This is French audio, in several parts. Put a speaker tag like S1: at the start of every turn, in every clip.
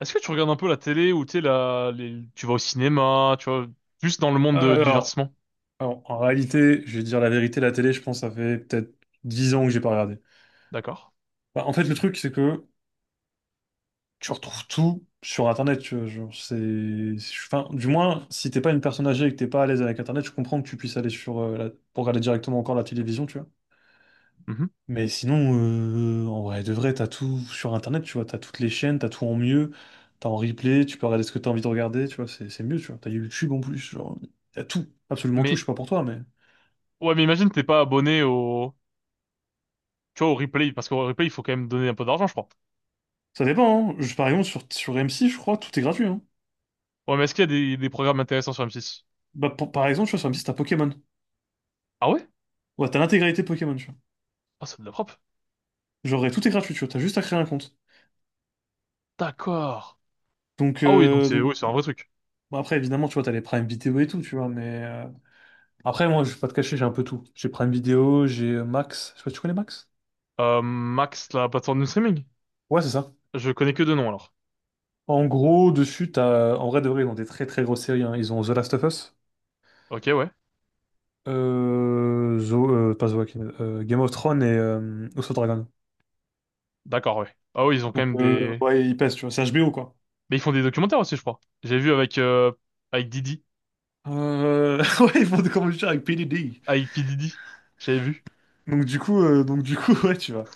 S1: Est-ce que tu regardes un peu la télé ou tu sais, tu vas au cinéma, tu vois, plus dans le monde du
S2: Alors,
S1: divertissement?
S2: alors, en réalité, je vais dire la vérité, la télé, je pense, ça fait peut-être 10 ans que j'ai pas regardé.
S1: D'accord.
S2: Bah, en fait, le truc, c'est que tu retrouves tout sur Internet. Tu vois, genre, enfin, du moins, si t'es pas une personne âgée et que t'es pas à l'aise avec Internet, je comprends que tu puisses aller sur pour regarder directement encore la télévision, tu vois.
S1: Mhm.
S2: Mais sinon, en vrai, de vrai, t'as tout sur Internet, tu vois. T'as toutes les chaînes, t'as tout en mieux, t'as en replay, tu peux regarder ce que t'as envie de regarder, tu vois. C'est mieux, tu vois. T'as YouTube en plus, genre, t'as tout, absolument tout. Je
S1: Mais,
S2: sais pas pour toi, mais.
S1: ouais, mais imagine t'es pas abonné au, tu vois, au replay, parce qu'au replay, il faut quand même donner un peu d'argent, je crois.
S2: Ça dépend, hein. Par exemple, sur M6, je crois, tout est gratuit, hein.
S1: Ouais, mais est-ce qu'il y a des programmes intéressants sur m six?
S2: Bah, par exemple, tu vois, sur M6, t'as Pokémon.
S1: Ah ouais?
S2: Ouais, t'as l'intégralité Pokémon, tu vois.
S1: Ah, c'est de la propre.
S2: Genre, et tout est gratuit, tu vois, t'as juste à créer un compte.
S1: D'accord.
S2: Donc,
S1: Ah oui, donc
S2: euh,
S1: c'est,
S2: donc
S1: oui, c'est un vrai truc.
S2: bon, après, évidemment, tu vois, t'as les Prime Vidéo et tout, tu vois, mais. Après, moi, je vais pas te cacher, j'ai un peu tout. J'ai Prime Vidéo, j'ai Max. Je sais pas, tu connais Max?
S1: Max, la plateforme de streaming?
S2: Ouais, c'est ça.
S1: Je connais que deux noms, alors.
S2: En gros, dessus, t'as. En vrai, de vrai, ils ont des très très grosses séries, hein. Ils ont The Last of Us,
S1: Ok, ouais.
S2: pas The Walking Dead, Game of Thrones et House of Dragon.
S1: D'accord, ouais. Ah oui, ils ont quand
S2: Donc,
S1: même des,
S2: ouais, ils pèsent, tu vois, c'est HBO, quoi.
S1: mais ils font des documentaires aussi, je crois. J'ai vu avec Didi,
S2: Ouais, ils font des combats avec PDD.
S1: avec P. Didi. J'avais vu.
S2: Donc du coup, ouais, tu vois.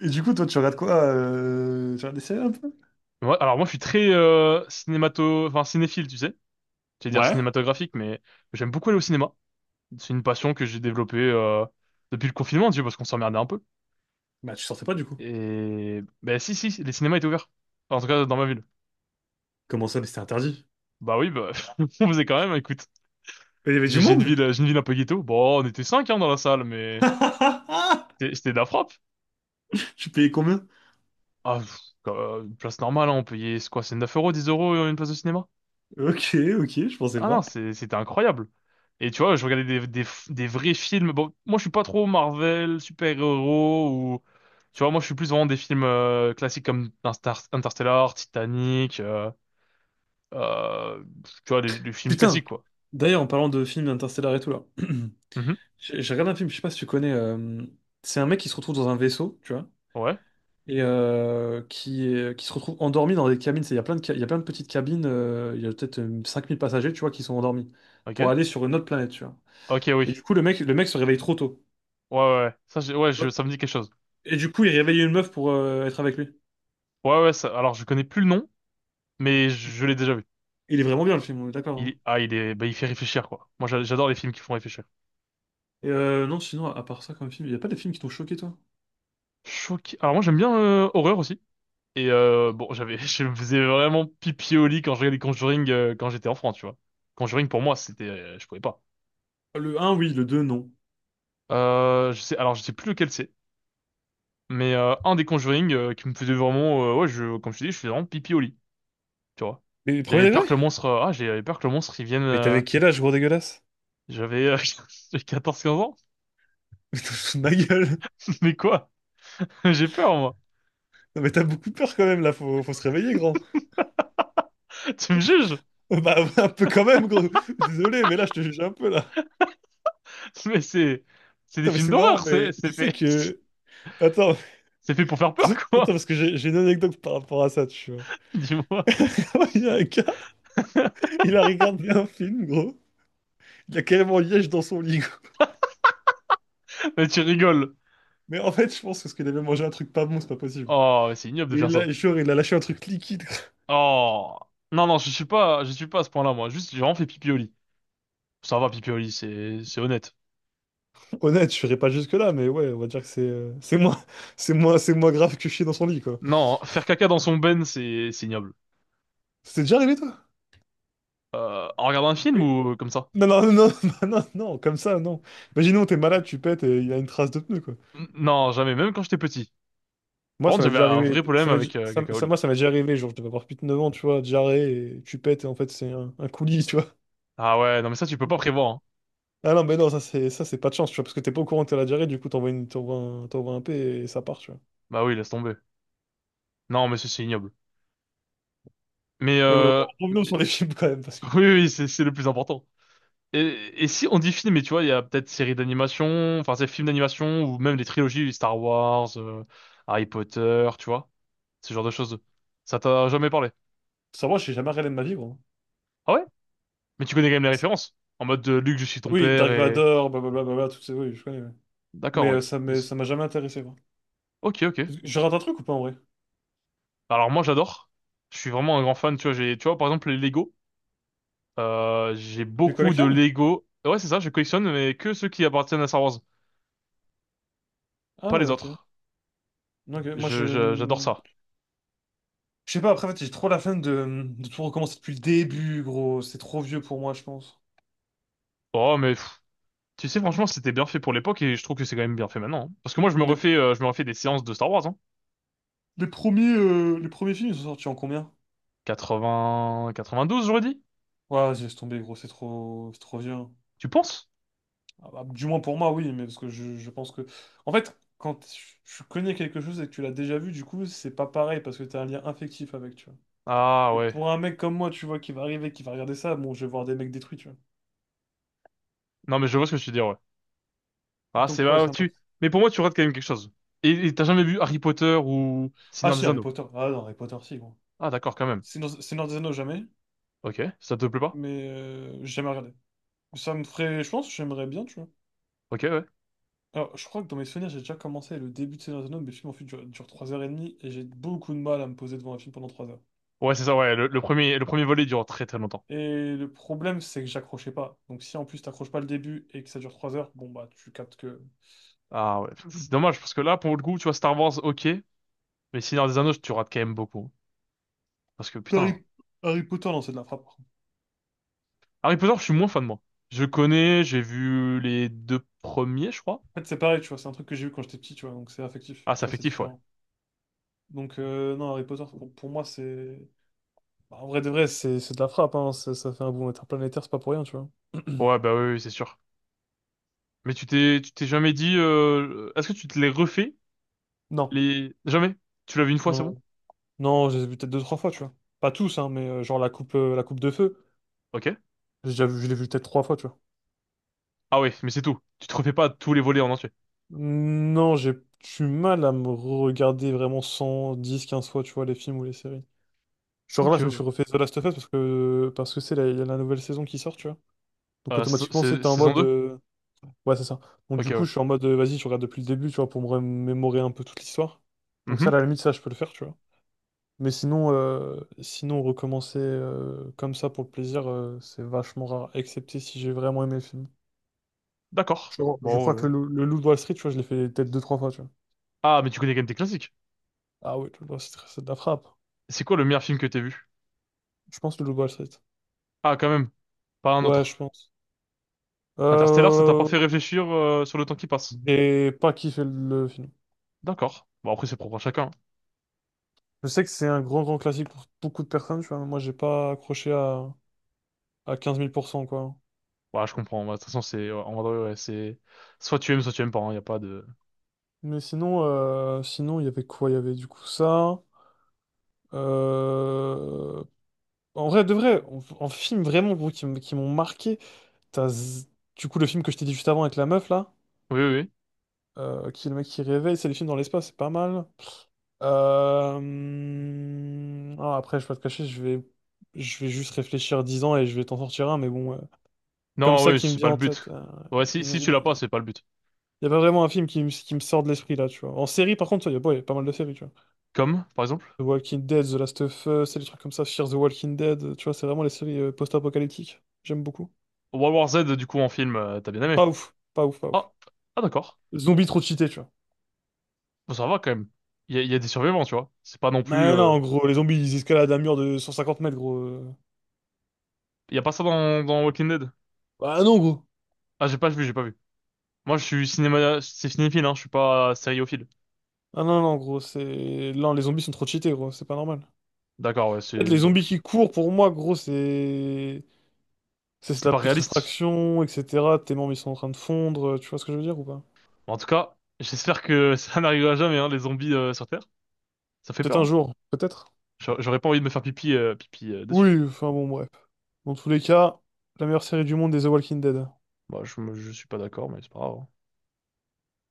S2: Et du coup, toi, tu regardes des séries un peu?
S1: Ouais, alors moi je suis très enfin cinéphile, tu sais. J'allais dire
S2: Ouais.
S1: cinématographique, mais j'aime beaucoup aller au cinéma. C'est une passion que j'ai développée depuis le confinement, tu sais, parce qu'on s'emmerdait un peu.
S2: Bah, tu sortais pas du coup.
S1: Et ben si si, les cinémas étaient ouverts. Enfin, en tout cas dans ma ville.
S2: Comment ça, mais c'était interdit?
S1: Bah oui, bah on faisait quand même. Écoute,
S2: Mais il y avait
S1: j'ai
S2: du
S1: j'ai une
S2: monde?
S1: ville, un peu ghetto. Bon, on était cinq hein, dans la salle, mais c'était de la frappe.
S2: Tu payais combien?
S1: Ah, une place normale, hein, on payait c'est quoi, c'est 9 euros, 10 euros une place de cinéma?
S2: Ok, ok, je pensais
S1: Ah non,
S2: pas.
S1: c'était incroyable. Et tu vois, je regardais des vrais films. Bon, moi, je suis pas trop Marvel, super-héros ou... Tu vois, moi, je suis plus vraiment des films classiques comme Interstellar, Titanic, euh, tu vois, des films
S2: Putain,
S1: classiques, quoi.
S2: d'ailleurs, en parlant de films interstellaires et tout là,
S1: Mhm.
S2: j'ai regardé un film, je sais pas si tu connais. C'est un mec qui se retrouve dans un vaisseau, tu vois.
S1: Ouais,
S2: Et qui se retrouvent endormis dans des cabines. Il y a plein de petites cabines, il y a peut-être 5 000 passagers, tu vois, qui sont endormis pour
S1: ok.
S2: aller sur une autre planète, tu vois.
S1: Ok,
S2: Et du
S1: oui.
S2: coup, le mec se réveille trop tôt.
S1: Ouais, ouais, ouais. Ouais,
S2: Tu vois.
S1: ça me dit quelque chose.
S2: Et du coup, il réveille une meuf pour être avec lui.
S1: Ouais, ouais, alors, je connais plus le nom, mais je l'ai déjà vu.
S2: Il est vraiment bien, le film, on est d'accord, hein.
S1: Ah, bah, il fait réfléchir, quoi. Moi, j'adore les films qui font réfléchir.
S2: Non, sinon, à part ça, comme film, il n'y a pas des films qui t'ont choqué, toi?
S1: Choqué. Alors, moi, j'aime bien horreur aussi. Et bon, je me faisais vraiment pipi au lit quand je regardais Conjuring quand j'étais enfant, tu vois. Conjuring pour moi, je pouvais pas.
S2: Le un oui, le deux non.
S1: Alors je sais plus lequel c'est, mais un des Conjuring qui me faisait vraiment, ouais, comme je te dis, je faisais vraiment pipi au lit, tu vois.
S2: Mais le premier degré?
S1: J'avais peur que le monstre il vienne.
S2: Mais t'avais quel âge, gros dégueulasse?
S1: J'avais, euh, j'ai 14-15 ans,
S2: Mais t'as foutu de ma gueule!
S1: mais quoi? J'ai peur moi.
S2: Non, mais t'as beaucoup peur quand même, là, faut, faut se réveiller, grand.
S1: Tu me juges?
S2: Bah, un peu quand même, gros. Désolé, mais là, je te juge un peu, là.
S1: Mais c'est, c'est des
S2: Attends, mais
S1: films
S2: c'est marrant,
S1: d'horreur,
S2: mais tu sais
S1: c'est
S2: que. Attends,
S1: fait pour faire peur,
S2: attends,
S1: quoi.
S2: parce que j'ai une anecdote par rapport à ça, tu vois.
S1: Dis-moi.
S2: Il y a un gars, il a regardé un film, gros. Il a carrément liège dans son lit, gros.
S1: Mais tu rigoles.
S2: Mais en fait, je pense que parce qu'il avait mangé un truc pas bon, c'est pas possible.
S1: Oh, mais c'est ignoble de
S2: Mais
S1: faire
S2: il
S1: ça.
S2: a, genre, il a lâché un truc liquide.
S1: Oh. Non, non, je suis pas à ce point-là, moi. Juste, j'ai vraiment fait pipi au lit. Ça va, pipi au lit, c'est honnête.
S2: Honnête, je serais pas jusque-là, mais ouais, on va dire que c'est moins, c'est moins grave que chier dans son lit, quoi.
S1: Non, faire caca dans son ben, c'est ignoble.
S2: C'est déjà arrivé, toi?
S1: En regardant un film
S2: Et-
S1: ou comme ça?
S2: Non, non, non, non, non, non, comme ça, non. Imaginons, t'es malade, tu pètes et il y a une trace de pneu, quoi.
S1: Non, jamais, même quand j'étais petit.
S2: Moi,
S1: Par
S2: ça
S1: contre,
S2: m'est
S1: j'avais
S2: déjà
S1: un
S2: arrivé.
S1: vrai problème
S2: Ça m'est-
S1: avec
S2: ça-
S1: caca au
S2: ça-
S1: lit.
S2: Moi, ça m'est déjà arrivé. Genre, je devais avoir plus de 9 ans, tu vois, diarrhée, et tu pètes, et en fait, c'est un coulis, tu vois.
S1: Ah ouais, non, mais ça, tu peux pas prévoir, hein.
S2: Ah non, mais non, ça, c'est pas de chance, tu vois, parce que t'es pas au courant que t'as la diarrhée, du coup, t'envoies un P et ça part, tu vois.
S1: Bah oui, laisse tomber. Non, mais ça, c'est ignoble. Mais,
S2: Mais ouais,
S1: euh,
S2: revenons
S1: oui,
S2: sur les films quand même, parce que
S1: oui, oui, c'est le plus important. Et si on dit film, mais tu vois, il y a peut-être séries d'animation, enfin c'est films d'animation ou même des trilogies Star Wars, Harry Potter, tu vois, ce genre de choses. Ça t'a jamais parlé?
S2: ça, moi, j'ai jamais regardé de ma vie, gros.
S1: Ah ouais? Mais tu connais quand même les références. En mode de Luc, je suis ton
S2: Oui,
S1: père
S2: Dark
S1: et.
S2: Vador, blablabla, tout ça, oui, je connais, ouais.
S1: D'accord,
S2: Mais
S1: oui. Mais
S2: ça m'a jamais intéressé, quoi.
S1: ok, ok.
S2: Je rate un truc ou pas, en vrai?
S1: Alors moi j'adore. Je suis vraiment un grand fan. Tu vois, tu vois, par exemple les Lego. J'ai
S2: Tu les
S1: beaucoup de
S2: collectionnes?
S1: Lego. Ouais, c'est ça. Je collectionne mais que ceux qui appartiennent à Star Wars,
S2: Ah
S1: pas les
S2: ouais, ok.
S1: autres.
S2: Ok, moi, je.
S1: J'adore ça.
S2: Je sais pas, après, en fait, j'ai trop la flemme de tout recommencer depuis le début, gros. C'est trop vieux pour moi, je pense.
S1: Oh mais. Tu sais, franchement, c'était bien fait pour l'époque et je trouve que c'est quand même bien fait maintenant, hein. Parce que moi, je me
S2: Les,
S1: refais, euh, je me refais des séances de Star Wars, hein.
S2: les premiers films, ils sont sortis en combien?
S1: 80, 92, j'aurais dit.
S2: Ouais, j'ai laisse tomber, gros, c'est trop vieux, hein.
S1: Tu penses?
S2: Ah bah, du moins pour moi, oui, mais parce que je pense que. En fait, quand tu connais quelque chose et que tu l'as déjà vu, du coup, c'est pas pareil, parce que t'as un lien affectif avec, tu vois.
S1: Ah
S2: Et
S1: ouais.
S2: pour un mec comme moi, tu vois, qui va arriver, qui va regarder ça, bon, je vais voir des mecs détruits, tu vois.
S1: Non, mais je vois ce que tu veux dire, ouais. Ah, c'est
S2: Donc ouais,
S1: bah,
S2: ça m'a.
S1: tu. Mais pour moi, tu rates quand même quelque chose. Et t'as jamais vu Harry Potter ou
S2: Ah
S1: Seigneur
S2: si,
S1: des
S2: Harry
S1: Anneaux?
S2: Potter. Ah non, Harry Potter, si, gros.
S1: Ah, d'accord, quand même.
S2: Seigneur des Anneaux, jamais.
S1: Ok, ça te plaît pas?
S2: Mais j'ai jamais regardé. Ça me ferait. Je pense que j'aimerais bien, tu vois.
S1: Ok, ouais.
S2: Alors, je crois que dans mes souvenirs, j'ai déjà commencé le début de Seigneur des Anneaux, mais le film en fait dure 3h30 et j'ai beaucoup de mal à me poser devant un film pendant 3 heures.
S1: Ouais, c'est ça, ouais. Le premier volet dure très très longtemps.
S2: Et le problème, c'est que j'accrochais pas. Donc, si en plus t'accroches pas le début et que ça dure 3 heures, bon bah, tu captes que.
S1: Ah ouais. C'est dommage parce que là, pour le coup, tu vois, Star Wars, ok. Mais Seigneur des Anneaux, tu rates quand même beaucoup. Parce que putain,
S2: Harry, Harry Potter, non, c'est de la frappe.
S1: Harry Potter, je suis moins fan, moi. Je connais, j'ai vu les deux premiers, je crois.
S2: En fait, c'est pareil, tu vois, c'est un truc que j'ai eu quand j'étais petit, tu vois, donc c'est affectif,
S1: Ah, c'est
S2: tu vois, c'est
S1: affectif, ouais.
S2: différent. Donc, non, Harry Potter, pour moi, c'est. Bah, en vrai de vrai, c'est de la frappe, hein, ça fait un boom interplanétaire, c'est pas pour rien, tu vois.
S1: Ouais, bah oui, oui, c'est sûr. Mais tu t'es jamais dit, est-ce que tu te les refais?
S2: Non.
S1: Les... Jamais? Tu l'as vu une fois,
S2: Non,
S1: c'est bon?
S2: non. Non, je les ai vus peut-être deux, trois fois, tu vois. Pas tous, hein, mais genre la coupe de feu,
S1: Ok.
S2: j'ai déjà vu, je l'ai vu peut-être trois fois, tu vois.
S1: Ah oui, mais c'est tout. Tu te refais pas tous les volets en entier.
S2: Non, j'ai du mal à me regarder vraiment 100, 10, 15 fois, tu vois, les films ou les séries. Genre là,
S1: Ok,
S2: je me
S1: ouais.
S2: suis refait The Last of Us parce que il y a la nouvelle saison qui sort, tu vois. Donc
S1: Euh, sa-
S2: automatiquement,
S1: sa-
S2: c'était en
S1: saison
S2: mode
S1: 2.
S2: ouais, c'est ça. Donc
S1: Ok,
S2: du coup,
S1: ouais.
S2: je suis en mode vas-y, je regarde depuis le début, tu vois, pour me remémorer un peu toute l'histoire. Donc ça,
S1: Mhm.
S2: à la limite, ça, je peux le faire, tu vois. Mais sinon, sinon recommencer comme ça pour le plaisir, c'est vachement rare, excepté si j'ai vraiment aimé le film.
S1: D'accord.
S2: Je, crois je
S1: Bon,
S2: crois que
S1: euh.
S2: le Loup de Wall Street, tu vois, je l'ai fait peut-être deux, trois fois, tu vois.
S1: Ah, mais tu connais quand même tes classiques.
S2: Ah oui, le Loup de Wall Street, c'est de la frappe.
S1: C'est quoi le meilleur film que t'aies vu?
S2: Je pense le Loup de Wall Street.
S1: Ah, quand même. Pas un
S2: Ouais,
S1: autre.
S2: je pense.
S1: Interstellar, ça t'a pas
S2: Euh,
S1: fait réfléchir, sur le temps qui passe.
S2: et pas kiffé le film.
S1: D'accord. Bon, après, c'est propre à chacun, hein.
S2: Je sais que c'est un grand, grand classique pour beaucoup de personnes, tu vois. Moi, j'ai pas accroché à 15 000 %, quoi.
S1: Ouais, je comprends. Bah, de toute façon, c'est, ouais, en vrai, ouais, c'est, soit tu aimes pas, il n'y a pas de...
S2: Mais sinon, sinon, il y avait quoi? Il y avait du coup ça. Euh, En vrai, de vrai, en film vraiment, gros, qui m'ont marqué, t'as z- du coup le film que je t'ai dit juste avant avec la meuf là,
S1: Oui, oui, oui.
S2: qui est le mec qui réveille, c'est les films dans l'espace, c'est pas mal. Après, je vais pas te cacher, je vais juste réfléchir 10 ans et je vais t'en sortir un, mais bon, comme
S1: Non,
S2: ça
S1: oui,
S2: qui me
S1: c'est pas
S2: vient
S1: le
S2: en tête.
S1: but. Ouais, si,
S2: Il
S1: si
S2: il-
S1: tu l'as pas,
S2: il-
S1: c'est pas le but.
S2: il y a pas vraiment un film qui, qui me sort de l'esprit là, tu vois. En série, par contre, il y a, bon, il y a pas mal de séries, tu vois.
S1: Comme, par exemple,
S2: The Walking Dead, The Last of Us, c'est des trucs comme ça, Fear the Walking Dead, tu vois, c'est vraiment les séries post-apocalyptiques. J'aime beaucoup.
S1: World War Z, du coup, en film, t'as bien aimé.
S2: Pas ouf, pas ouf, pas ouf.
S1: Ah, ah d'accord.
S2: Zombies trop cheatés, tu vois.
S1: Bon, ça va quand même. Il y a des survivants, tu vois. C'est pas non plus
S2: Non, non, en gros, les zombies, ils escaladent un mur de 150 mètres, gros.
S1: il y a pas ça dans, Walking Dead.
S2: Ah non, gros.
S1: Ah, j'ai pas vu. Moi, c'est cinéphile, hein, je suis pas sériophile.
S2: Ah non, non, gros, c'est. Non, les zombies sont trop cheatés, gros, c'est pas normal.
S1: D'accord, ouais,
S2: En fait, les
S1: donc
S2: zombies qui courent, pour moi, gros, c'est. C'est
S1: c'est
S2: de la
S1: pas réaliste.
S2: putréfaction, etc. Tes membres, ils sont en train de fondre, tu vois ce que je veux dire ou pas?
S1: En tout cas, j'espère que ça n'arrivera jamais, hein, les zombies sur Terre. Ça fait
S2: Peut-être
S1: peur,
S2: un
S1: hein.
S2: jour, peut-être.
S1: J'aurais pas envie de me faire pipi dessus.
S2: Oui, enfin bon, bref. Dans tous les cas, la meilleure série du monde est The Walking Dead.
S1: Bah, je suis pas d'accord, mais c'est pas grave, hein.